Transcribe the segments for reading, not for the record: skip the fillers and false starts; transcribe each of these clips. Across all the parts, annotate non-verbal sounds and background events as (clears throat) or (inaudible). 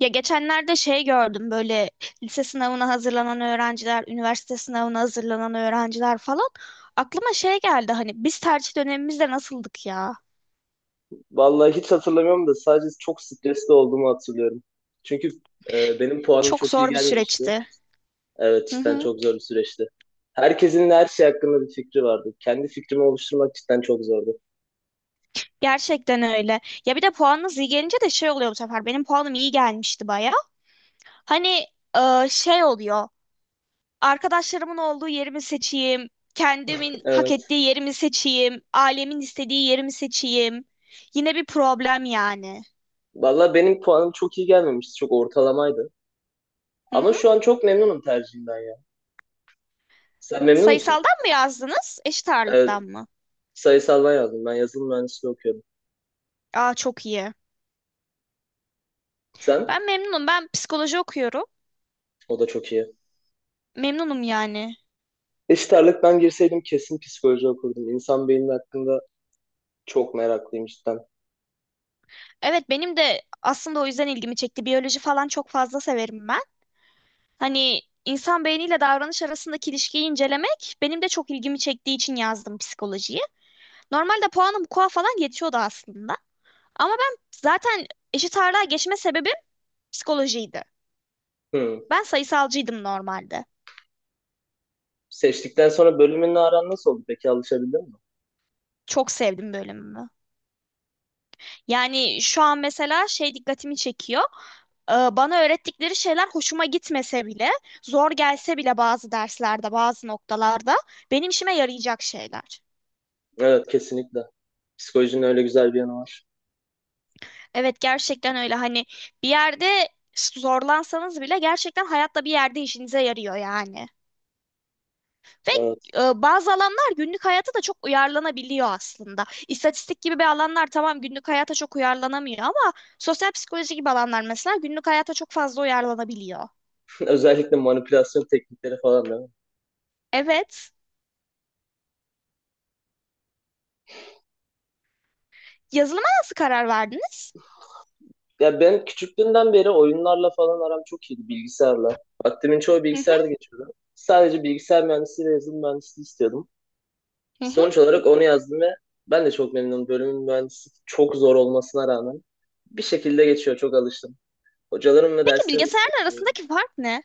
Ya geçenlerde şey gördüm böyle lise sınavına hazırlanan öğrenciler, üniversite sınavına hazırlanan öğrenciler falan. Aklıma şey geldi hani biz tercih dönemimizde nasıldık ya? Vallahi hiç hatırlamıyorum da sadece çok stresli olduğumu hatırlıyorum. Çünkü benim puanım Çok çok iyi zor bir gelmemişti. süreçti. Evet Hı cidden hı. çok zor bir süreçti. Herkesin her şey hakkında bir fikri vardı. Kendi fikrimi oluşturmak cidden çok zordu. Gerçekten öyle. Ya bir de puanınız iyi gelince de şey oluyor bu sefer. Benim puanım iyi gelmişti baya. Hani şey oluyor. Arkadaşlarımın olduğu yerimi seçeyim. Kendimin hak Evet. ettiği yerimi seçeyim. Ailemin istediği yerimi seçeyim. Yine bir problem yani. Vallahi benim puanım çok iyi gelmemişti. Çok ortalamaydı. Hı Ama hı. şu an çok memnunum tercihimden ya. Sen memnun musun? Sayısaldan mı yazdınız? Eşit ağırlıktan Evet. mı? Sayısaldan yazdım. Ben yazılım mühendisliği okuyorum. Aa çok iyi. Sen? Ben memnunum. Ben psikoloji okuyorum. O da çok iyi. Memnunum yani. Eşit ağırlık ben girseydim kesin psikoloji okurdum. İnsan beyni hakkında çok meraklıyım cidden. Evet benim de aslında o yüzden ilgimi çekti. Biyoloji falan çok fazla severim ben. Hani insan beyniyle davranış arasındaki ilişkiyi incelemek benim de çok ilgimi çektiği için yazdım psikolojiyi. Normalde puanım KUA falan yetiyordu aslında. Ama ben zaten eşit ağırlığa geçme sebebim psikolojiydi. Hmm. Ben sayısalcıydım normalde. Seçtikten sonra bölümünle aran nasıl oldu peki, alışabildin mi? Çok sevdim bölümümü. Yani şu an mesela şey dikkatimi çekiyor. Bana öğrettikleri şeyler hoşuma gitmese bile, zor gelse bile bazı derslerde, bazı noktalarda benim işime yarayacak şeyler. Evet, kesinlikle. Psikolojinin öyle güzel bir yanı var. Evet gerçekten öyle hani bir yerde zorlansanız bile gerçekten hayatta bir yerde işinize yarıyor yani. Ve Evet. Bazı alanlar günlük hayata da çok uyarlanabiliyor aslında. İstatistik gibi bir alanlar tamam günlük hayata çok uyarlanamıyor ama sosyal psikoloji gibi alanlar mesela günlük hayata çok fazla uyarlanabiliyor. (laughs) Özellikle manipülasyon teknikleri falan, değil mi? Evet. Yazılıma nasıl karar verdiniz? Ya ben küçüklüğümden beri oyunlarla falan aram çok iyiydi, bilgisayarla. Vaktimin çoğu Hı hı, bilgisayarda geçiyordu. Sadece bilgisayar mühendisliği ve yazılım mühendisliği istiyordum. hı hı. Sonuç olarak onu yazdım ve ben de çok memnunum. Bölümün mühendisliği çok zor olmasına rağmen bir şekilde geçiyor. Çok alıştım. Hocalarım ve Peki derslerimi de çok bilgisayarın seviyorum. arasındaki fark ne?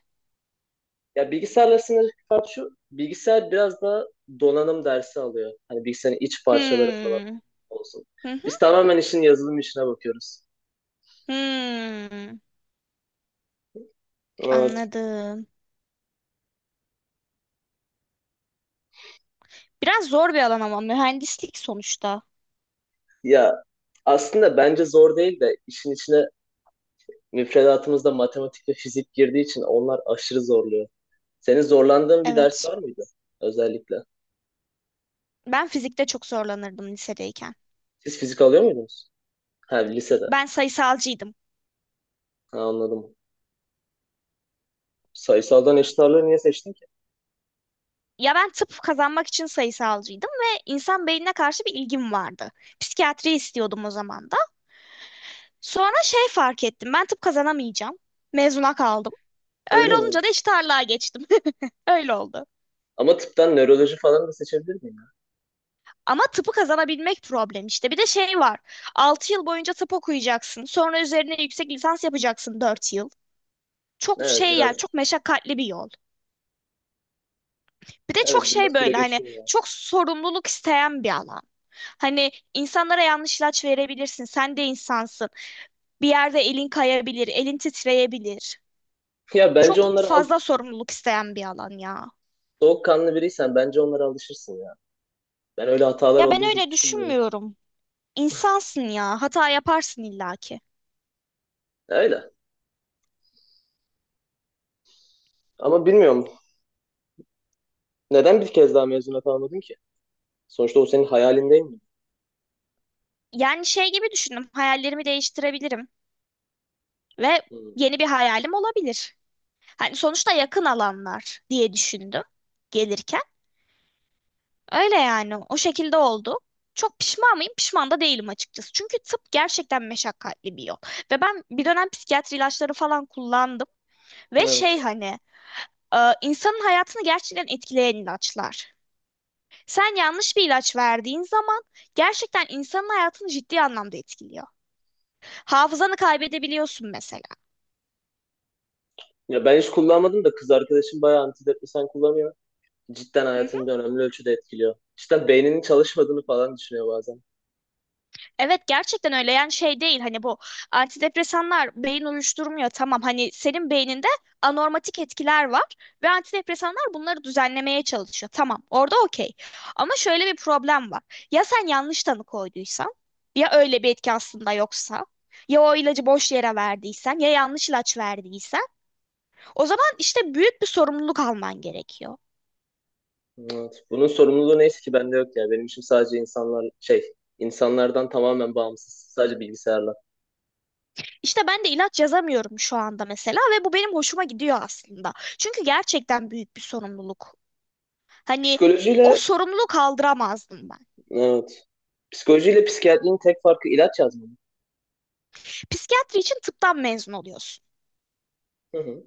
Ya bilgisayarla sınırlı fark şu, bilgisayar biraz daha donanım dersi alıyor. Hani bilgisayarın iç parçaları falan Hmm. olsun. Hı hı, Biz tamamen işin yazılım işine bakıyoruz. hmm. Evet. Anladım. Biraz zor bir alan ama mühendislik sonuçta. Ya aslında bence zor değil de işin içine, müfredatımızda matematik ve fizik girdiği için onlar aşırı zorluyor. Senin zorlandığın bir ders Evet. var mıydı özellikle? Ben fizikte çok zorlanırdım lisedeyken. Siz fizik alıyor muydunuz? Ha, lisede. Ben sayısalcıydım. Ha, anladım. Sayısaldan eşit ağırlığı niye seçtin ki? Ya ben tıp kazanmak için sayısalcıydım ve insan beynine karşı bir ilgim vardı. Psikiyatri istiyordum o zaman da. Sonra şey fark ettim. Ben tıp kazanamayacağım. Mezuna kaldım. Öyle Öyle mi? olunca da eşit ağırlığa geçtim. (laughs) Öyle oldu. Ama tıptan nöroloji falan da seçebilir miyim? Ama tıpı kazanabilmek problem işte. Bir de şey var. 6 yıl boyunca tıp okuyacaksın. Sonra üzerine yüksek lisans yapacaksın 4 yıl. Ya? Çok Evet, şey yani çok biraz. meşakkatli bir yol. Bir de Evet, çok şey biraz süre böyle hani geçiyor ya. çok sorumluluk isteyen bir alan. Hani insanlara yanlış ilaç verebilirsin. Sen de insansın. Bir yerde elin kayabilir, elin titreyebilir. Ya bence Çok onlara al, fazla sorumluluk isteyen bir alan ya. soğukkanlı biriysen bence onlara alışırsın ya. Ben öyle hatalar Ya ben olduğunu çok öyle düşünmüyorum. düşünmüyorum. İnsansın ya. Hata yaparsın illaki. Öyle. Ama bilmiyorum. Neden bir kez daha mezuna kalmadın ki? Sonuçta o senin hayalin, değil mi? Yani şey gibi düşündüm. Hayallerimi değiştirebilirim. Ve Hmm. yeni bir hayalim olabilir. Hani sonuçta yakın alanlar diye düşündüm gelirken. Öyle yani o şekilde oldu. Çok pişman mıyım? Pişman da değilim açıkçası. Çünkü tıp gerçekten meşakkatli bir yol. Ve ben bir dönem psikiyatri ilaçları falan kullandım. Ve şey Evet. hani insanın hayatını gerçekten etkileyen ilaçlar. Sen yanlış bir ilaç verdiğin zaman gerçekten insanın hayatını ciddi anlamda etkiliyor. Hafızanı kaybedebiliyorsun mesela. Ya ben hiç kullanmadım da kız arkadaşım bayağı antidepresan kullanıyor. Cidden Hı. hayatını da önemli ölçüde etkiliyor. Cidden beyninin çalışmadığını falan düşünüyor bazen. Evet gerçekten öyle yani şey değil hani bu antidepresanlar beyin uyuşturmuyor tamam hani senin beyninde anormatik etkiler var ve antidepresanlar bunları düzenlemeye çalışıyor tamam orada okey ama şöyle bir problem var ya sen yanlış tanı koyduysan ya öyle bir etki aslında yoksa ya o ilacı boş yere verdiysen ya yanlış ilaç verdiysen o zaman işte büyük bir sorumluluk alman gerekiyor. Evet. Bunun sorumluluğu neyse ki bende yok ya. Benim işim sadece insanlar şey, insanlardan tamamen bağımsız. Sadece bilgisayarla. İşte ben de ilaç yazamıyorum şu anda mesela ve bu benim hoşuma gidiyor aslında çünkü gerçekten büyük bir sorumluluk. Hani o Psikolojiyle. sorumluluğu kaldıramazdım ben. Evet. Psikolojiyle psikiyatrinin tek farkı ilaç yazmamak. Psikiyatri için tıptan mezun oluyorsun. Hı hı.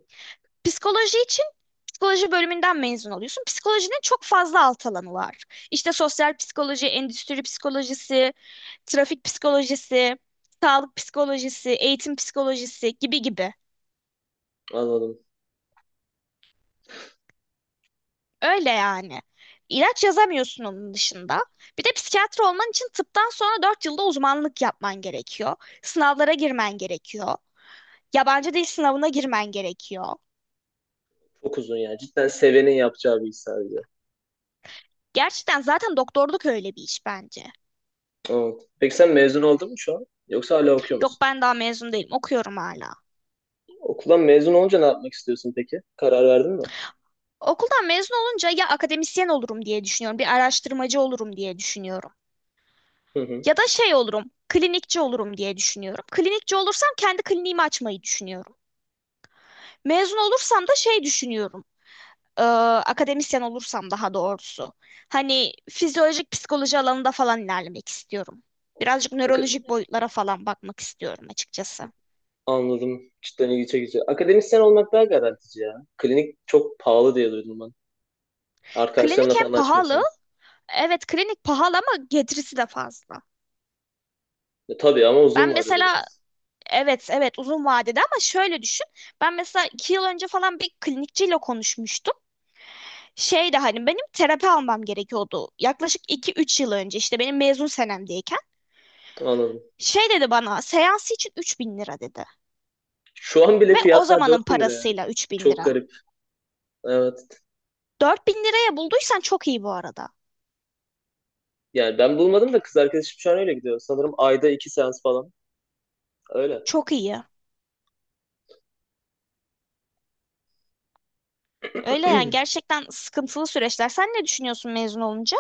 Psikoloji için psikoloji bölümünden mezun oluyorsun. Psikolojinin çok fazla alt alanı var. İşte sosyal psikoloji, endüstri psikolojisi, trafik psikolojisi, sağlık psikolojisi, eğitim psikolojisi gibi gibi. Anladım. Öyle yani. İlaç yazamıyorsun onun dışında. Bir de psikiyatri olman için tıptan sonra 4 yılda uzmanlık yapman gerekiyor. Sınavlara girmen gerekiyor. Yabancı dil sınavına girmen gerekiyor. Çok uzun yani. Cidden sevenin yapacağı bir iş sadece. Gerçekten zaten doktorluk öyle bir iş bence. Evet. Peki sen mezun oldun mu şu an? Yoksa hala okuyor Yok musun? ben daha mezun değilim, okuyorum hala. Okuldan mezun olunca ne yapmak istiyorsun peki? Karar verdin mi? Okuldan mezun olunca ya akademisyen olurum diye düşünüyorum, bir araştırmacı olurum diye düşünüyorum. Hı hı. Ya da şey olurum, klinikçi olurum diye düşünüyorum. Klinikçi olursam kendi kliniğimi açmayı düşünüyorum. Mezun olursam da şey düşünüyorum. e, Akademisyen olursam daha doğrusu. Hani fizyolojik psikoloji alanında falan ilerlemek istiyorum. Birazcık Ak- nörolojik boyutlara falan bakmak istiyorum açıkçası. Anladım. Cidden ilgi çekici. Akademisyen olmak daha garantici ya. Klinik çok pahalı diye duydum ben. Klinik Arkadaşlarınla hem falan pahalı. açmıyorsan. Evet klinik pahalı ama getirisi de fazla. E, tabii ama Ben uzun vadede mesela biraz. evet evet uzun vadede ama şöyle düşün. Ben mesela 2 yıl önce falan bir klinikçiyle konuşmuştum. Şeydi hani benim terapi almam gerekiyordu. Yaklaşık 2-3 yıl önce işte benim mezun senemdeyken. Anladım. Şey dedi bana, seansı için 3.000 lira dedi. Şu an bile Ve o fiyatlar zamanın 4.000 lira yani. parasıyla 3000 Çok lira. garip. Evet. 4.000 liraya bulduysan çok iyi bu arada. Yani ben bulmadım da kız arkadaşım şu an öyle gidiyor. Sanırım ayda iki seans falan. Öyle. Çok iyi. Öyle yani (clears throat) gerçekten sıkıntılı süreçler. Sen ne düşünüyorsun mezun olunca?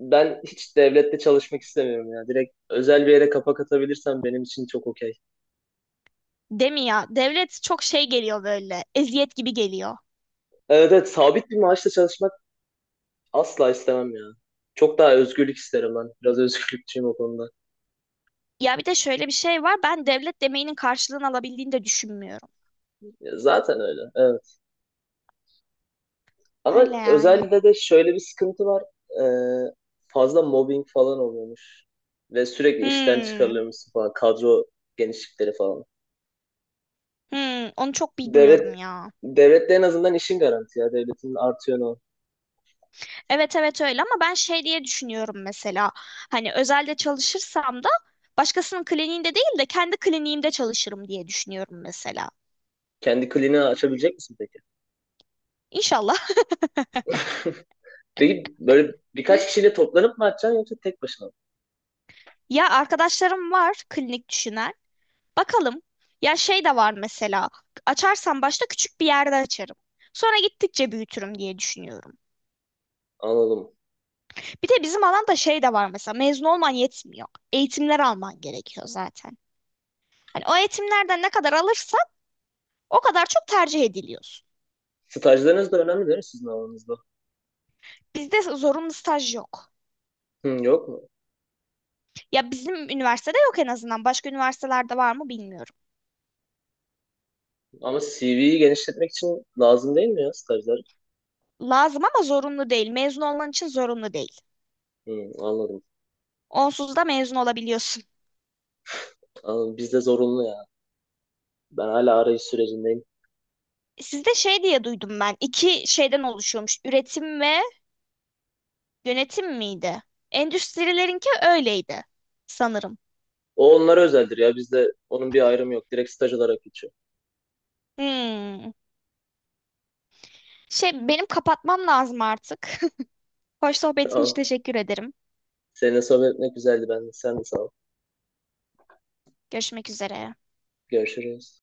Ben hiç devlette çalışmak istemiyorum ya. Direkt özel bir yere kapak atabilirsem benim için çok okey. Değil mi ya? Devlet çok şey geliyor böyle. Eziyet gibi geliyor. Evet, evet, sabit bir maaşla çalışmak asla istemem ya. Çok daha özgürlük isterim ben. Biraz özgürlükçüyüm o konuda. Ya bir de şöyle bir şey var. Ben devlet demeyinin karşılığını alabildiğini de düşünmüyorum. Ya zaten öyle. Evet. Ama Öyle yani. özelde de şöyle bir sıkıntı var. Ee, fazla mobbing falan oluyormuş. Ve sürekli işten Hmm. çıkarılıyormuşsun falan. Kadro genişlikleri falan. Hmm, onu çok bilmiyorum Devlet ya. devlette en azından işin garanti ya. Devletin artıyor o. Evet evet öyle ama ben şey diye düşünüyorum mesela. Hani özelde çalışırsam da başkasının kliniğinde değil de kendi kliniğimde çalışırım diye düşünüyorum mesela. Kendi kliniği açabilecek misin peki? İnşallah. Peki böyle birkaç (laughs) kişiyle toplanıp mı açacaksın yoksa tek başına mı? Ya arkadaşlarım var klinik düşünen. Bakalım. Ya şey de var mesela. Açarsam başta küçük bir yerde açarım. Sonra gittikçe büyütürüm diye düşünüyorum. Anladım. Bir de bizim alanda şey de var mesela. Mezun olman yetmiyor. Eğitimler alman gerekiyor zaten. Hani o eğitimlerden ne kadar alırsan o kadar çok tercih ediliyorsun. Stajlarınız da önemli değil mi sizin alanınızda? Bizde zorunlu staj yok. Hı, yok mu? Ya bizim üniversitede yok en azından. Başka üniversitelerde var mı bilmiyorum. Ama CV'yi genişletmek için lazım değil mi ya, stajlar? Lazım ama zorunlu değil. Mezun olman için zorunlu değil. Hı, anladım. Onsuz da mezun olabiliyorsun. Anladım. Bizde zorunlu ya. Ben hala arayış sürecindeyim. Sizde şey diye duydum ben. İki şeyden oluşuyormuş. Üretim ve Yönetim miydi? Endüstrilerinki öyleydi sanırım. O onlara özeldir ya. Bizde onun bir ayrımı yok. Direkt staj olarak geçiyor. Hmm. Şey benim kapatmam lazım artık. (laughs) Hoş sohbetin için Tamam. teşekkür ederim. Seninle sohbet etmek güzeldi. Ben de. Sen de sağ ol. Görüşmek üzere. Görüşürüz.